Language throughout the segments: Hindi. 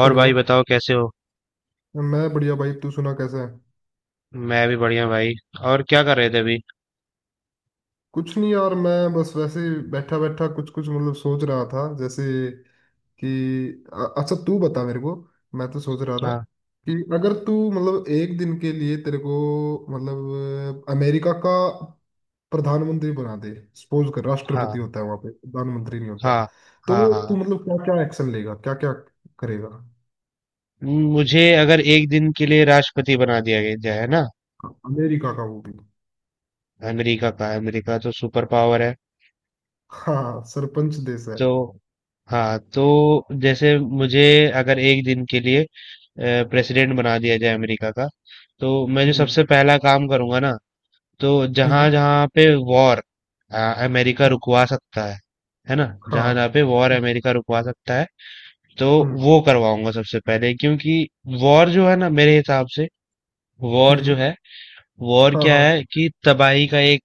और हेलो। भाई बताओ कैसे हो। मैं बढ़िया भाई, तू सुना कैसा है? मैं भी बढ़िया भाई। और क्या कर रहे थे अभी। कुछ नहीं यार, मैं बस वैसे बैठा बैठा कुछ कुछ मतलब सोच रहा था जैसे कि अच्छा तू बता मेरे को। मैं तो सोच रहा था हाँ, कि अगर तू मतलब एक दिन के लिए तेरे को मतलब अमेरिका का प्रधानमंत्री बना दे, सपोज कर हाँ, राष्ट्रपति होता है वहां पे, प्रधानमंत्री नहीं होता, हाँ, तो हाँ, हाँ। तू मतलब क्या क्या एक्शन लेगा, क्या क्या करेगा? मुझे अगर एक दिन के लिए राष्ट्रपति बना दिया गया जाए, है ना, अमेरिका का, वो भी। अमेरिका का। अमेरिका तो सुपर पावर है। हाँ, सरपंच देश है। तो हाँ तो जैसे मुझे अगर एक दिन के लिए प्रेसिडेंट बना दिया जाए अमेरिका का, तो मैं जो जी। सबसे पहला काम करूंगा ना, तो जहां हम्म। जहां पे वॉर अमेरिका रुकवा सकता है ना। जहां हाँ। जहां पे वॉर अमेरिका रुकवा सकता है, तो हम्म। वो करवाऊंगा सबसे पहले। क्योंकि वॉर जो है ना, मेरे हिसाब से वॉर जो हम्म। है वॉर हाँ क्या हाँ है कि तबाही का एक,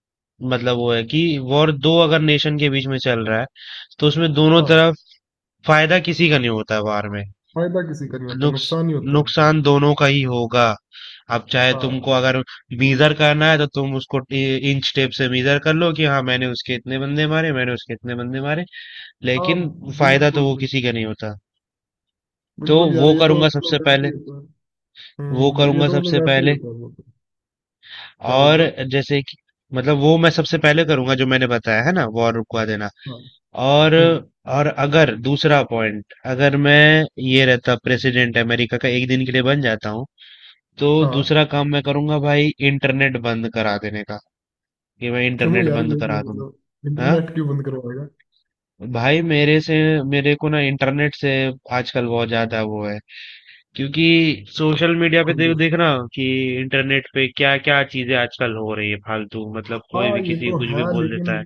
मतलब वो है कि वॉर दो अगर नेशन के बीच में चल रहा है तो उसमें दोनों हाँ। तरफ फायदा किसी का नहीं होता है वॉर में। फायदा किसी का नहीं होता, नुक्स नुकसान ही होता है इसमें। नुकसान दोनों का ही होगा। अब चाहे हाँ तुमको अगर मीजर करना है तो तुम उसको इंच टेप से मीजर कर लो कि हाँ मैंने उसके इतने बंदे मारे, मैंने उसके इतने बंदे मारे। हाँ। लेकिन फायदा तो बिल्कुल वो बिल्कुल। किसी का नहीं होता। तो बिल्कुल यार, वो ये तो करूंगा सबसे मतलब वैसे पहले। ही होता है। वो ये करूंगा तो मतलब सबसे वैसे ही पहले। होता है वो तो। क्या बोल और रहे हो? जैसे कि मतलब वो मैं सबसे पहले करूंगा जो मैंने बताया है ना, वॉर रुकवा देना। हाँ। और हम्म। और अगर दूसरा पॉइंट, अगर मैं ये रहता प्रेसिडेंट अमेरिका का एक दिन के लिए बन जाता हूँ, तो हाँ। दूसरा काम मैं करूंगा भाई, इंटरनेट बंद करा देने का, कि मैं क्यों इंटरनेट यार? ये बंद ये करा दूं। मतलब हाँ इंटरनेट क्यों बंद करवाएगा? भाई, मेरे से मेरे को ना इंटरनेट से आजकल बहुत ज्यादा वो है। क्योंकि सोशल मीडिया पे खुद। देख देखना कि इंटरनेट पे क्या क्या चीजें आजकल हो रही है फालतू, मतलब कोई हाँ भी ये किसी को तो कुछ भी है, बोल लेकिन देता है।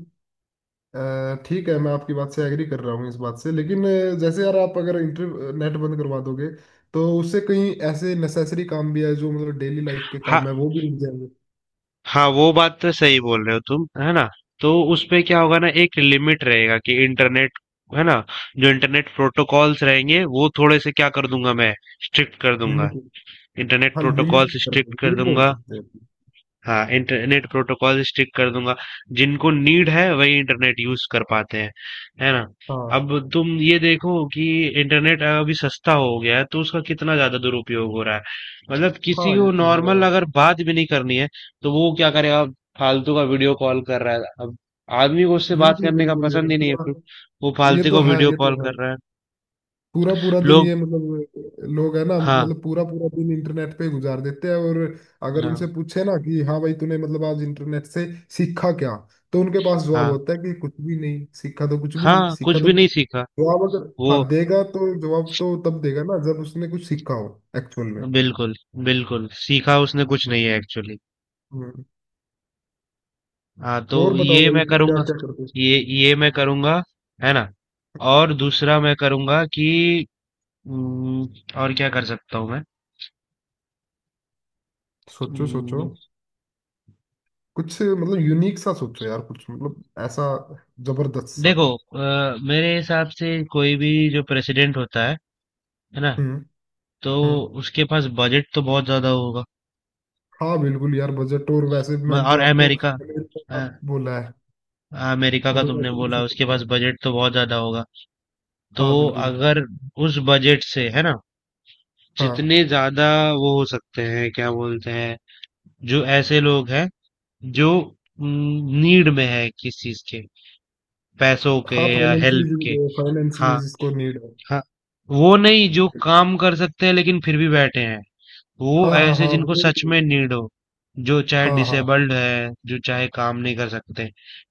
अ, ठीक है, मैं आपकी बात से एग्री कर रहा हूँ इस बात से, लेकिन जैसे यार, आप अगर इंटर नेट बंद करवा दोगे तो उससे कहीं ऐसे नेसेसरी काम भी है जो मतलब डेली लाइफ के हाँ, काम है वो भी रुक जाएंगे। हाँ, वो बात तो सही बोल रहे हो तुम, है ना। तो उसपे क्या होगा ना, एक लिमिट रहेगा कि इंटरनेट, है ना, जो इंटरनेट प्रोटोकॉल्स रहेंगे वो थोड़े से क्या कर दूंगा मैं, स्ट्रिक्ट कर दूंगा। लिमिट। इंटरनेट हाँ लिमिट प्रोटोकॉल्स कर दो, स्ट्रिक्ट कर ये बोल दूंगा। सकते हैं। हाँ इंटरनेट प्रोटोकॉल स्टिक कर दूंगा। जिनको नीड है वही इंटरनेट यूज कर पाते हैं, है ना। हाँ। अब तुम ये देखो कि इंटरनेट अभी सस्ता हो गया है तो उसका कितना ज्यादा दुरुपयोग हो रहा है। मतलब हाँ किसी ये को तो है नॉर्मल यार। अगर बात भी नहीं करनी है तो वो क्या करेगा, फालतू का वीडियो कॉल कर रहा है। अब आदमी को उससे बात बिल्कुल करने का बिल्कुल पसंद यार, ही नहीं है पूरा। फिर वो ये फालतू तो को है, वीडियो ये कॉल तो है। कर रहा है। पूरा पूरा दिन लोग ये मतलब लोग है ना, हाँ, मतलब पूरा पूरा दिन इंटरनेट पे गुजार देते हैं। और अगर उनसे हाँ, पूछे ना कि हाँ भाई, तूने मतलब आज इंटरनेट से सीखा क्या, तो उनके पास जवाब हाँ, होता है कि कुछ भी नहीं सीखा, तो कुछ भी नहीं हाँ, कुछ सीखा भी तो क्या? नहीं सीखा। जवाब अगर वो हाँ देगा तो जवाब तो तब देगा ना जब उसने कुछ सीखा हो एक्चुअल में। बिल्कुल, बिल्कुल सीखा उसने कुछ नहीं हम्म, है एक्चुअली। हम्म। हाँ तो और बताओ ये भाई, मैं फिर क्या करूँगा। क्या करते हो? ये मैं हाँ। करूँगा, है ना। और दूसरा मैं करूँगा कि, हम्म, और क्या कर सकता हूँ मैं। सोचो सोचो, हम्म, कुछ मतलब यूनिक सा सोचो यार, कुछ मतलब ऐसा जबरदस्त सा। देखो मेरे हिसाब से कोई भी जो प्रेसिडेंट होता है ना, हम्म। तो हम्म। उसके पास बजट तो बहुत ज्यादा होगा। हाँ बिल्कुल यार, बजट टूर वैसे भी मैंने तो और आपको अमेरिका अ, बोला है, अमेरिका का मतलब तुमने वैसे भी बोला उसके पास superpower। बजट तो बहुत ज्यादा होगा। तो हाँ बिल्कुल। अगर उस बजट से है ना, हाँ जितने ज्यादा वो हो सकते हैं, क्या बोलते हैं, जो ऐसे लोग हैं जो नीड में है किस चीज के, पैसों के हाँ, या हेल्प के। फाइनेंशियली फाइनेंशियली हाँ, जिसको नीड है। हाँ, वो नहीं जो काम कर सकते हैं लेकिन फिर भी बैठे हैं। वो हाँ हाँ ऐसे हाँ जिनको सच में वो-। नीड हो, जो चाहे हाँ हाँ डिसेबल्ड है जो चाहे काम नहीं कर सकते,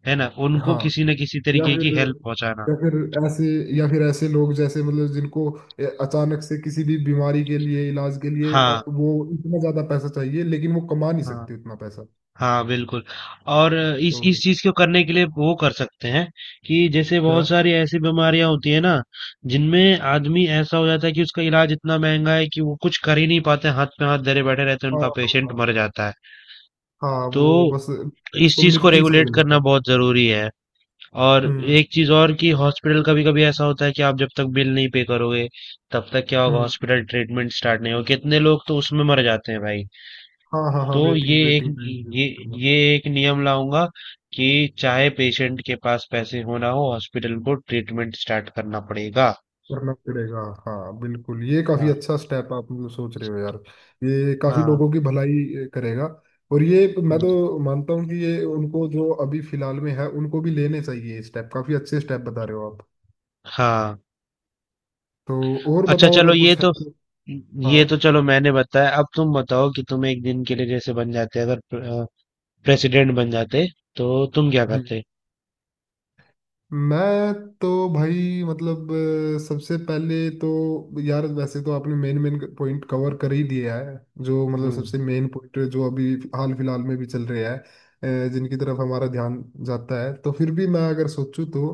है ना, उनको हाँ। किसी न किसी या तरीके की फिर, हेल्प पहुंचाना। या फिर ऐसे, या फिर ऐसे लोग जैसे मतलब जिनको अचानक से किसी भी बीमारी के लिए इलाज के लिए हाँ, वो इतना ज्यादा पैसा चाहिए लेकिन वो कमा नहीं हाँ, सकते इतना पैसा हाँ, बिल्कुल। और इस तो इस चीज को करने के लिए वो कर सकते हैं कि जैसे क्या। बहुत सारी ऐसी बीमारियां होती है ना, जिनमें आदमी ऐसा हो जाता है कि उसका इलाज इतना महंगा है कि वो कुछ कर ही नहीं पाते, हाथ पे हाथ धरे बैठे रहते हैं, हाँ उनका हाँ पेशेंट हाँ। मर जाता है। हाँ, तो वो बस इस उसको चीज को मृत्यु ही रेगुलेट समझ लेता करना है। बहुत जरूरी है। और हम्म। एक चीज और कि हॉस्पिटल कभी कभी ऐसा होता है कि आप जब तक बिल नहीं पे करोगे तब तक क्या होगा, हम्म। हॉस्पिटल ट्रीटमेंट स्टार्ट नहीं होगा, कितने लोग तो उसमें मर जाते हैं भाई। हाँ हाँ हाँ, तो वेटिंग वेटिंग टाइम ये करना। ये एक नियम लाऊंगा कि चाहे पेशेंट के पास पैसे हो ना हो, हॉस्पिटल को ट्रीटमेंट स्टार्ट करना पड़ेगा। करना पड़ेगा। हाँ बिल्कुल, ये काफी हाँ, अच्छा स्टेप आप मतलब सोच रहे हो यार। ये काफी हाँ, लोगों की भलाई करेगा। और ये मैं हम्म, तो मानता हूँ कि ये उनको जो अभी फिलहाल में है उनको भी लेने चाहिए ये स्टेप, काफी अच्छे स्टेप बता रहे हो आप। हाँ। तो, और अच्छा बताओ चलो, अगर कुछ है तो। ये तो हाँ। चलो मैंने बताया, अब तुम बताओ कि तुम एक दिन के लिए जैसे बन जाते अगर प्रेसिडेंट बन जाते तो तुम क्या हम्म। करते। मैं तो, भाई मतलब सबसे पहले तो यार, वैसे तो आपने मेन मेन पॉइंट कवर कर ही दिया है, जो मतलब हम्म। सबसे मेन पॉइंट जो अभी हाल फिलहाल में भी चल रहा है, जिनकी तरफ हमारा ध्यान जाता है, तो फिर भी मैं अगर सोचूं तो,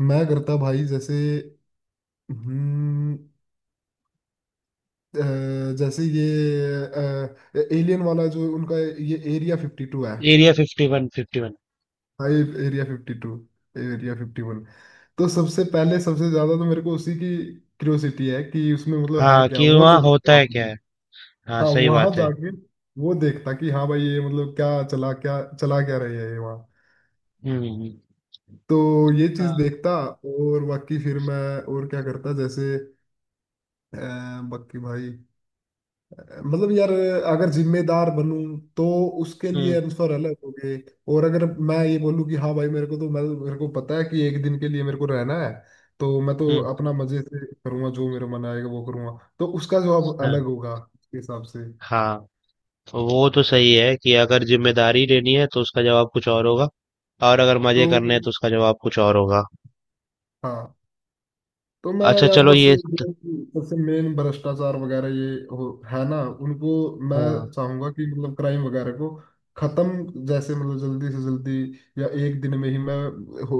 मैं करता भाई जैसे, हम्म, जैसे ये एलियन वाला, जो उनका ये एरिया 52 है। Area 51, 51 5, area 52। एरिया 51। तो सबसे पहले, सबसे ज्यादा तो मेरे को उसी की क्यूरियोसिटी है कि उसमें मतलब है हाँ, क्या, कि वो वहाँ होता देखो है आपने। क्या है। हाँ हाँ, सही वहां बात है। जाके वो देखता कि हाँ भाई, ये मतलब क्या चला, क्या चला क्या रही है ये वहाँ। हम्म, तो ये चीज हाँ, देखता। और बाकी फिर मैं और क्या करता जैसे, अ, बाकी भाई मतलब यार, अगर जिम्मेदार बनूं तो उसके लिए हम्म, आंसर अलग हो गए। और अगर मैं ये बोलूं कि हाँ भाई, मेरे को तो मैं, मेरे को पता है कि एक दिन के लिए मेरे को रहना है, तो मैं तो हम्म। अपना मजे से करूंगा, जो मेरा मन आएगा वो करूंगा, तो उसका जवाब हाँ, अलग होगा उसके हिसाब से। हाँ, वो तो सही है कि अगर जिम्मेदारी लेनी है तो उसका जवाब कुछ और होगा। और अगर तो मजे करने हैं तो उसका जवाब कुछ और होगा। हाँ। तो मैं अच्छा यार चलो बस, जो सबसे मेन भ्रष्टाचार वगैरह ये हो है ना, उनको मैं हाँ, चाहूंगा कि मतलब क्राइम वगैरह को खत्म जैसे मतलब जल्दी से जल्दी, या एक दिन में ही मैं हो,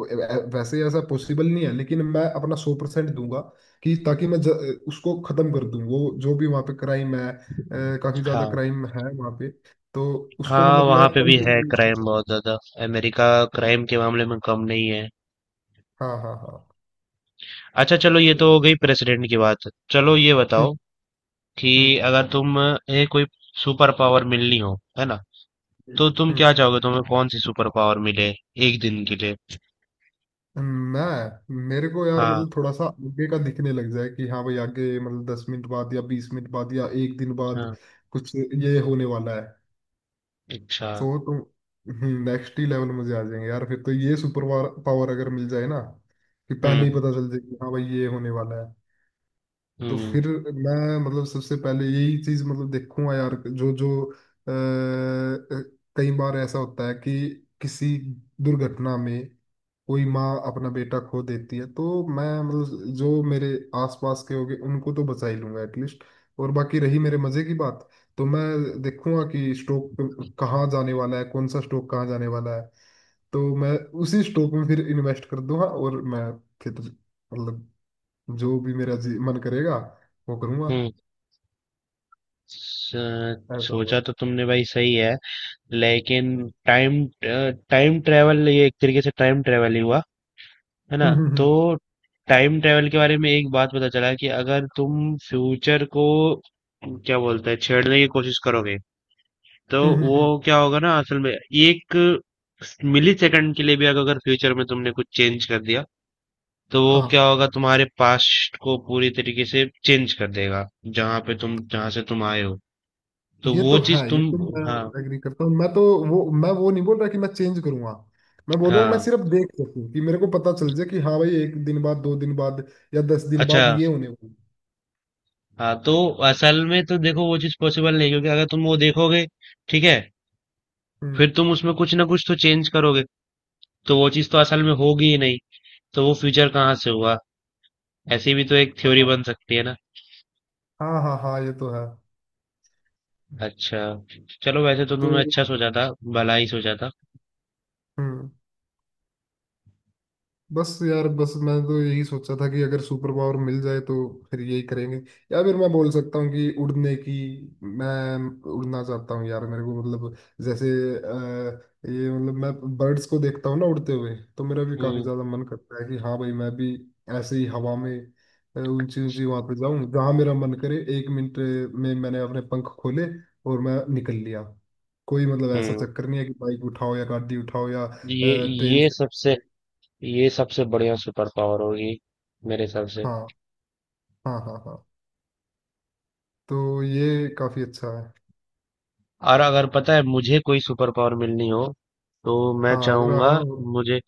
वैसे ऐसा पॉसिबल नहीं है लेकिन मैं अपना 100% दूंगा कि ताकि मैं उसको खत्म कर दूं, वो जो भी वहाँ पे क्राइम है, काफी ज्यादा हाँ, क्राइम है वहाँ पे। तो उसको हाँ, मतलब मैं वहाँ पे कम भी है क्राइम से बहुत ज्यादा। अमेरिका कम। क्राइम के मामले में कम नहीं है। हाँ हाँ हाँ। अच्छा चलो ये तो तो, हो गई प्रेसिडेंट की बात, चलो ये हम्म बताओ कि हम्म अगर तुम ये कोई सुपर पावर मिलनी हो है ना, हम्म तो तुम हम्म। क्या चाहोगे, तुम्हें कौन सी सुपर पावर मिले एक दिन के लिए। मैं, मेरे को यार हाँ, मतलब थोड़ा सा आगे का दिखने लग जाए कि हाँ भाई आगे मतलब 10 मिनट बाद या 20 मिनट बाद या एक दिन बाद हाँ, कुछ ये होने वाला है। अच्छा, तो तुम, नेक्स्ट ही लेवल मुझे आ जाएंगे यार फिर तो, ये सुपर पावर अगर मिल जाए ना कि पहले ही हम्म, पता चल जाए कि हाँ भाई ये होने वाला है, तो हम्म, फिर मैं मतलब सबसे पहले यही चीज मतलब देखूंगा यार, जो जो अ, अ, कई बार ऐसा होता है कि किसी दुर्घटना में कोई माँ अपना बेटा खो देती है, तो मैं मतलब जो मेरे आसपास के होंगे उनको तो बचा ही लूंगा एटलीस्ट। और बाकी रही मेरे मजे की बात, तो मैं देखूंगा कि स्टॉक कहाँ जाने वाला है, कौन सा स्टॉक कहाँ जाने वाला है, तो मैं उसी स्टॉक में फिर इन्वेस्ट कर दूंगा, और मैं फिर मतलब जो भी मेरा मन करेगा वो करूंगा। हम्म। स- ऐसा सोचा होगा। तो तुमने भाई सही है, लेकिन हाँ। टाइम टाइम ट्रेवल, ये एक तरीके से टाइम ट्रेवल ही हुआ, है ना। हम्म। हम्म, तो हम्म, टाइम ट्रेवल के बारे में एक बात पता चला कि अगर तुम फ्यूचर को क्या बोलते हैं, छेड़ने की कोशिश करोगे तो वो हम्म। क्या होगा ना, असल में एक मिली सेकंड के लिए भी अगर फ्यूचर में तुमने कुछ चेंज कर दिया, तो वो हाँ क्या होगा, तुम्हारे पास्ट को पूरी तरीके से चेंज कर देगा जहां पे तुम जहां से तुम आए हो। तो ये वो तो है, चीज ये तुम तो हाँ, मैं एग्री करता हूँ, मैं तो वो, मैं वो नहीं बोल रहा कि मैं चेंज करूंगा, मैं बोल रहा हूँ मैं हाँ, सिर्फ देख सकूँ कि मेरे को पता चल जाए कि हाँ भाई एक दिन बाद, 2 दिन बाद या 10 दिन अच्छा। बाद ये होने वाला है। हाँ तो असल में तो देखो वो चीज पॉसिबल नहीं है, क्योंकि अगर तुम वो देखोगे, ठीक है, हम्म। फिर तुम उसमें कुछ ना कुछ तो चेंज करोगे, तो वो चीज तो असल में होगी ही नहीं, तो वो फ्यूचर कहाँ से हुआ। ऐसी भी तो एक थ्योरी बन हाँ सकती है ना। हाँ हाँ हाँ हाँ, ये तो है। अच्छा चलो वैसे तो तो, तुमने अच्छा सोचा था, भला ही सोचा था। हम्म। बस यार, बस मैं तो यही सोचा था कि अगर सुपर पावर मिल जाए तो फिर यही करेंगे। या फिर मैं बोल सकता हूँ कि उड़ने की, मैं उड़ना चाहता हूँ यार मेरे को मतलब, जैसे अ, ये मतलब, मैं बर्ड्स को देखता हूँ ना उड़ते हुए, तो मेरा भी काफी हम्म, ज्यादा मन करता है कि हाँ भाई मैं भी ऐसे ही हवा में ऊंची ऊंची वहां पे जाऊं जहां मेरा मन करे, 1 मिनट में मैंने अपने पंख खोले और मैं निकल लिया। कोई मतलब ऐसा हम्म, चक्कर नहीं है कि बाइक उठाओ या गाड़ी उठाओ या ये ट्रेन ये सबसे ये सबसे बढ़िया सुपर पावर होगी मेरे हिसाब से। हाँ हाँ हाँ हाँ। तो ये काफी अच्छा है। और अगर पता है मुझे कोई सुपर पावर मिलनी हो तो मैं हाँ अगर चाहूंगा हाँ। मुझे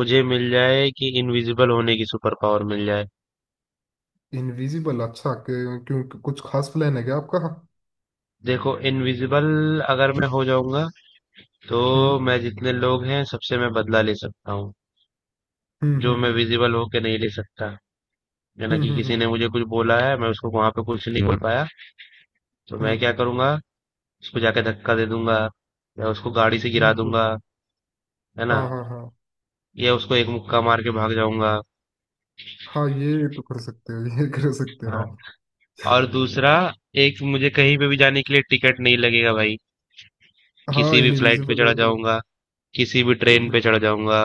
मुझे मिल जाए कि इनविजिबल होने की सुपर पावर मिल जाए। इनविजिबल, अच्छा क्यों? कुछ खास प्लान है क्या आपका? देखो इनविजिबल अगर मैं हो जाऊंगा तो हम्म मैं जितने लोग हैं सबसे मैं बदला ले सकता हूँ, हम्म जो मैं हम्म विजिबल होके नहीं ले सकता। यानी हम्म कि हम्म हम्म किसी ने हम्म, मुझे कुछ बोला है मैं उसको वहां पे कुछ नहीं बोल पाया, तो मैं हम्म, क्या करूंगा, उसको जाके धक्का दे दूंगा या उसको गाड़ी से गिरा बिल्कुल। दूंगा, है ना, हाँ हाँ हाँ। या उसको एक मुक्का मार के भाग जाऊंगा। हाँ ये तो कर सकते हो, ये कर सकते हो हाँ, आप। और दूसरा, एक मुझे कहीं पे भी जाने के लिए टिकट नहीं लगेगा भाई, हाँ, किसी भी फ्लाइट पे इनविजिबल हो चढ़ा तो जाऊंगा, किसी भी ट्रेन पे चढ़ जाऊंगा,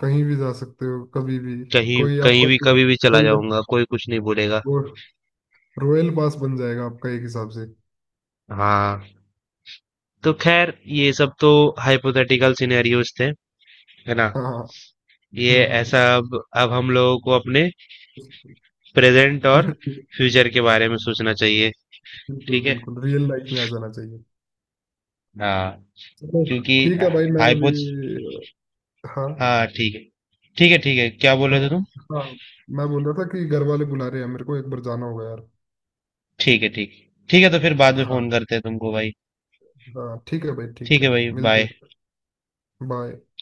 कहीं भी जा सकते हो, कभी भी। कहीं कोई कहीं आपका भी कभी भी चला गोल्ड, जाऊंगा, कोई कुछ नहीं बोलेगा। रॉयल पास बन जाएगा आपका एक हिसाब से। हाँ तो खैर, ये सब तो हाइपोथेटिकल सिनेरियोज थे, है ना। हाँ हाँ। ये हम्म ऐसा हम्म अब हम लोगों को अपने प्रेजेंट और हम्म फ्यूचर के बारे में सोचना चाहिए। बिल्कुल ठीक है। बिल्कुल, रियल लाइफ में आ जाना चाहिए। हाँ, चलो क्योंकि ठीक है भाई, मैं अभी। हाइपो हाँ हाँ ठीक है, ठीक है, ठीक है क्या बोले हाँ थे तुम। हाँ। मैं बोल रहा था कि घर वाले बुला रहे हैं मेरे को, एक बार जाना होगा यार। ठीक है, ठीक, ठीक है तो फिर बाद में हाँ फोन करते हैं तुमको भाई। हाँ ठीक है भाई ठीक ठीक है है। भाई, मिलते बाय। हैं। बाय।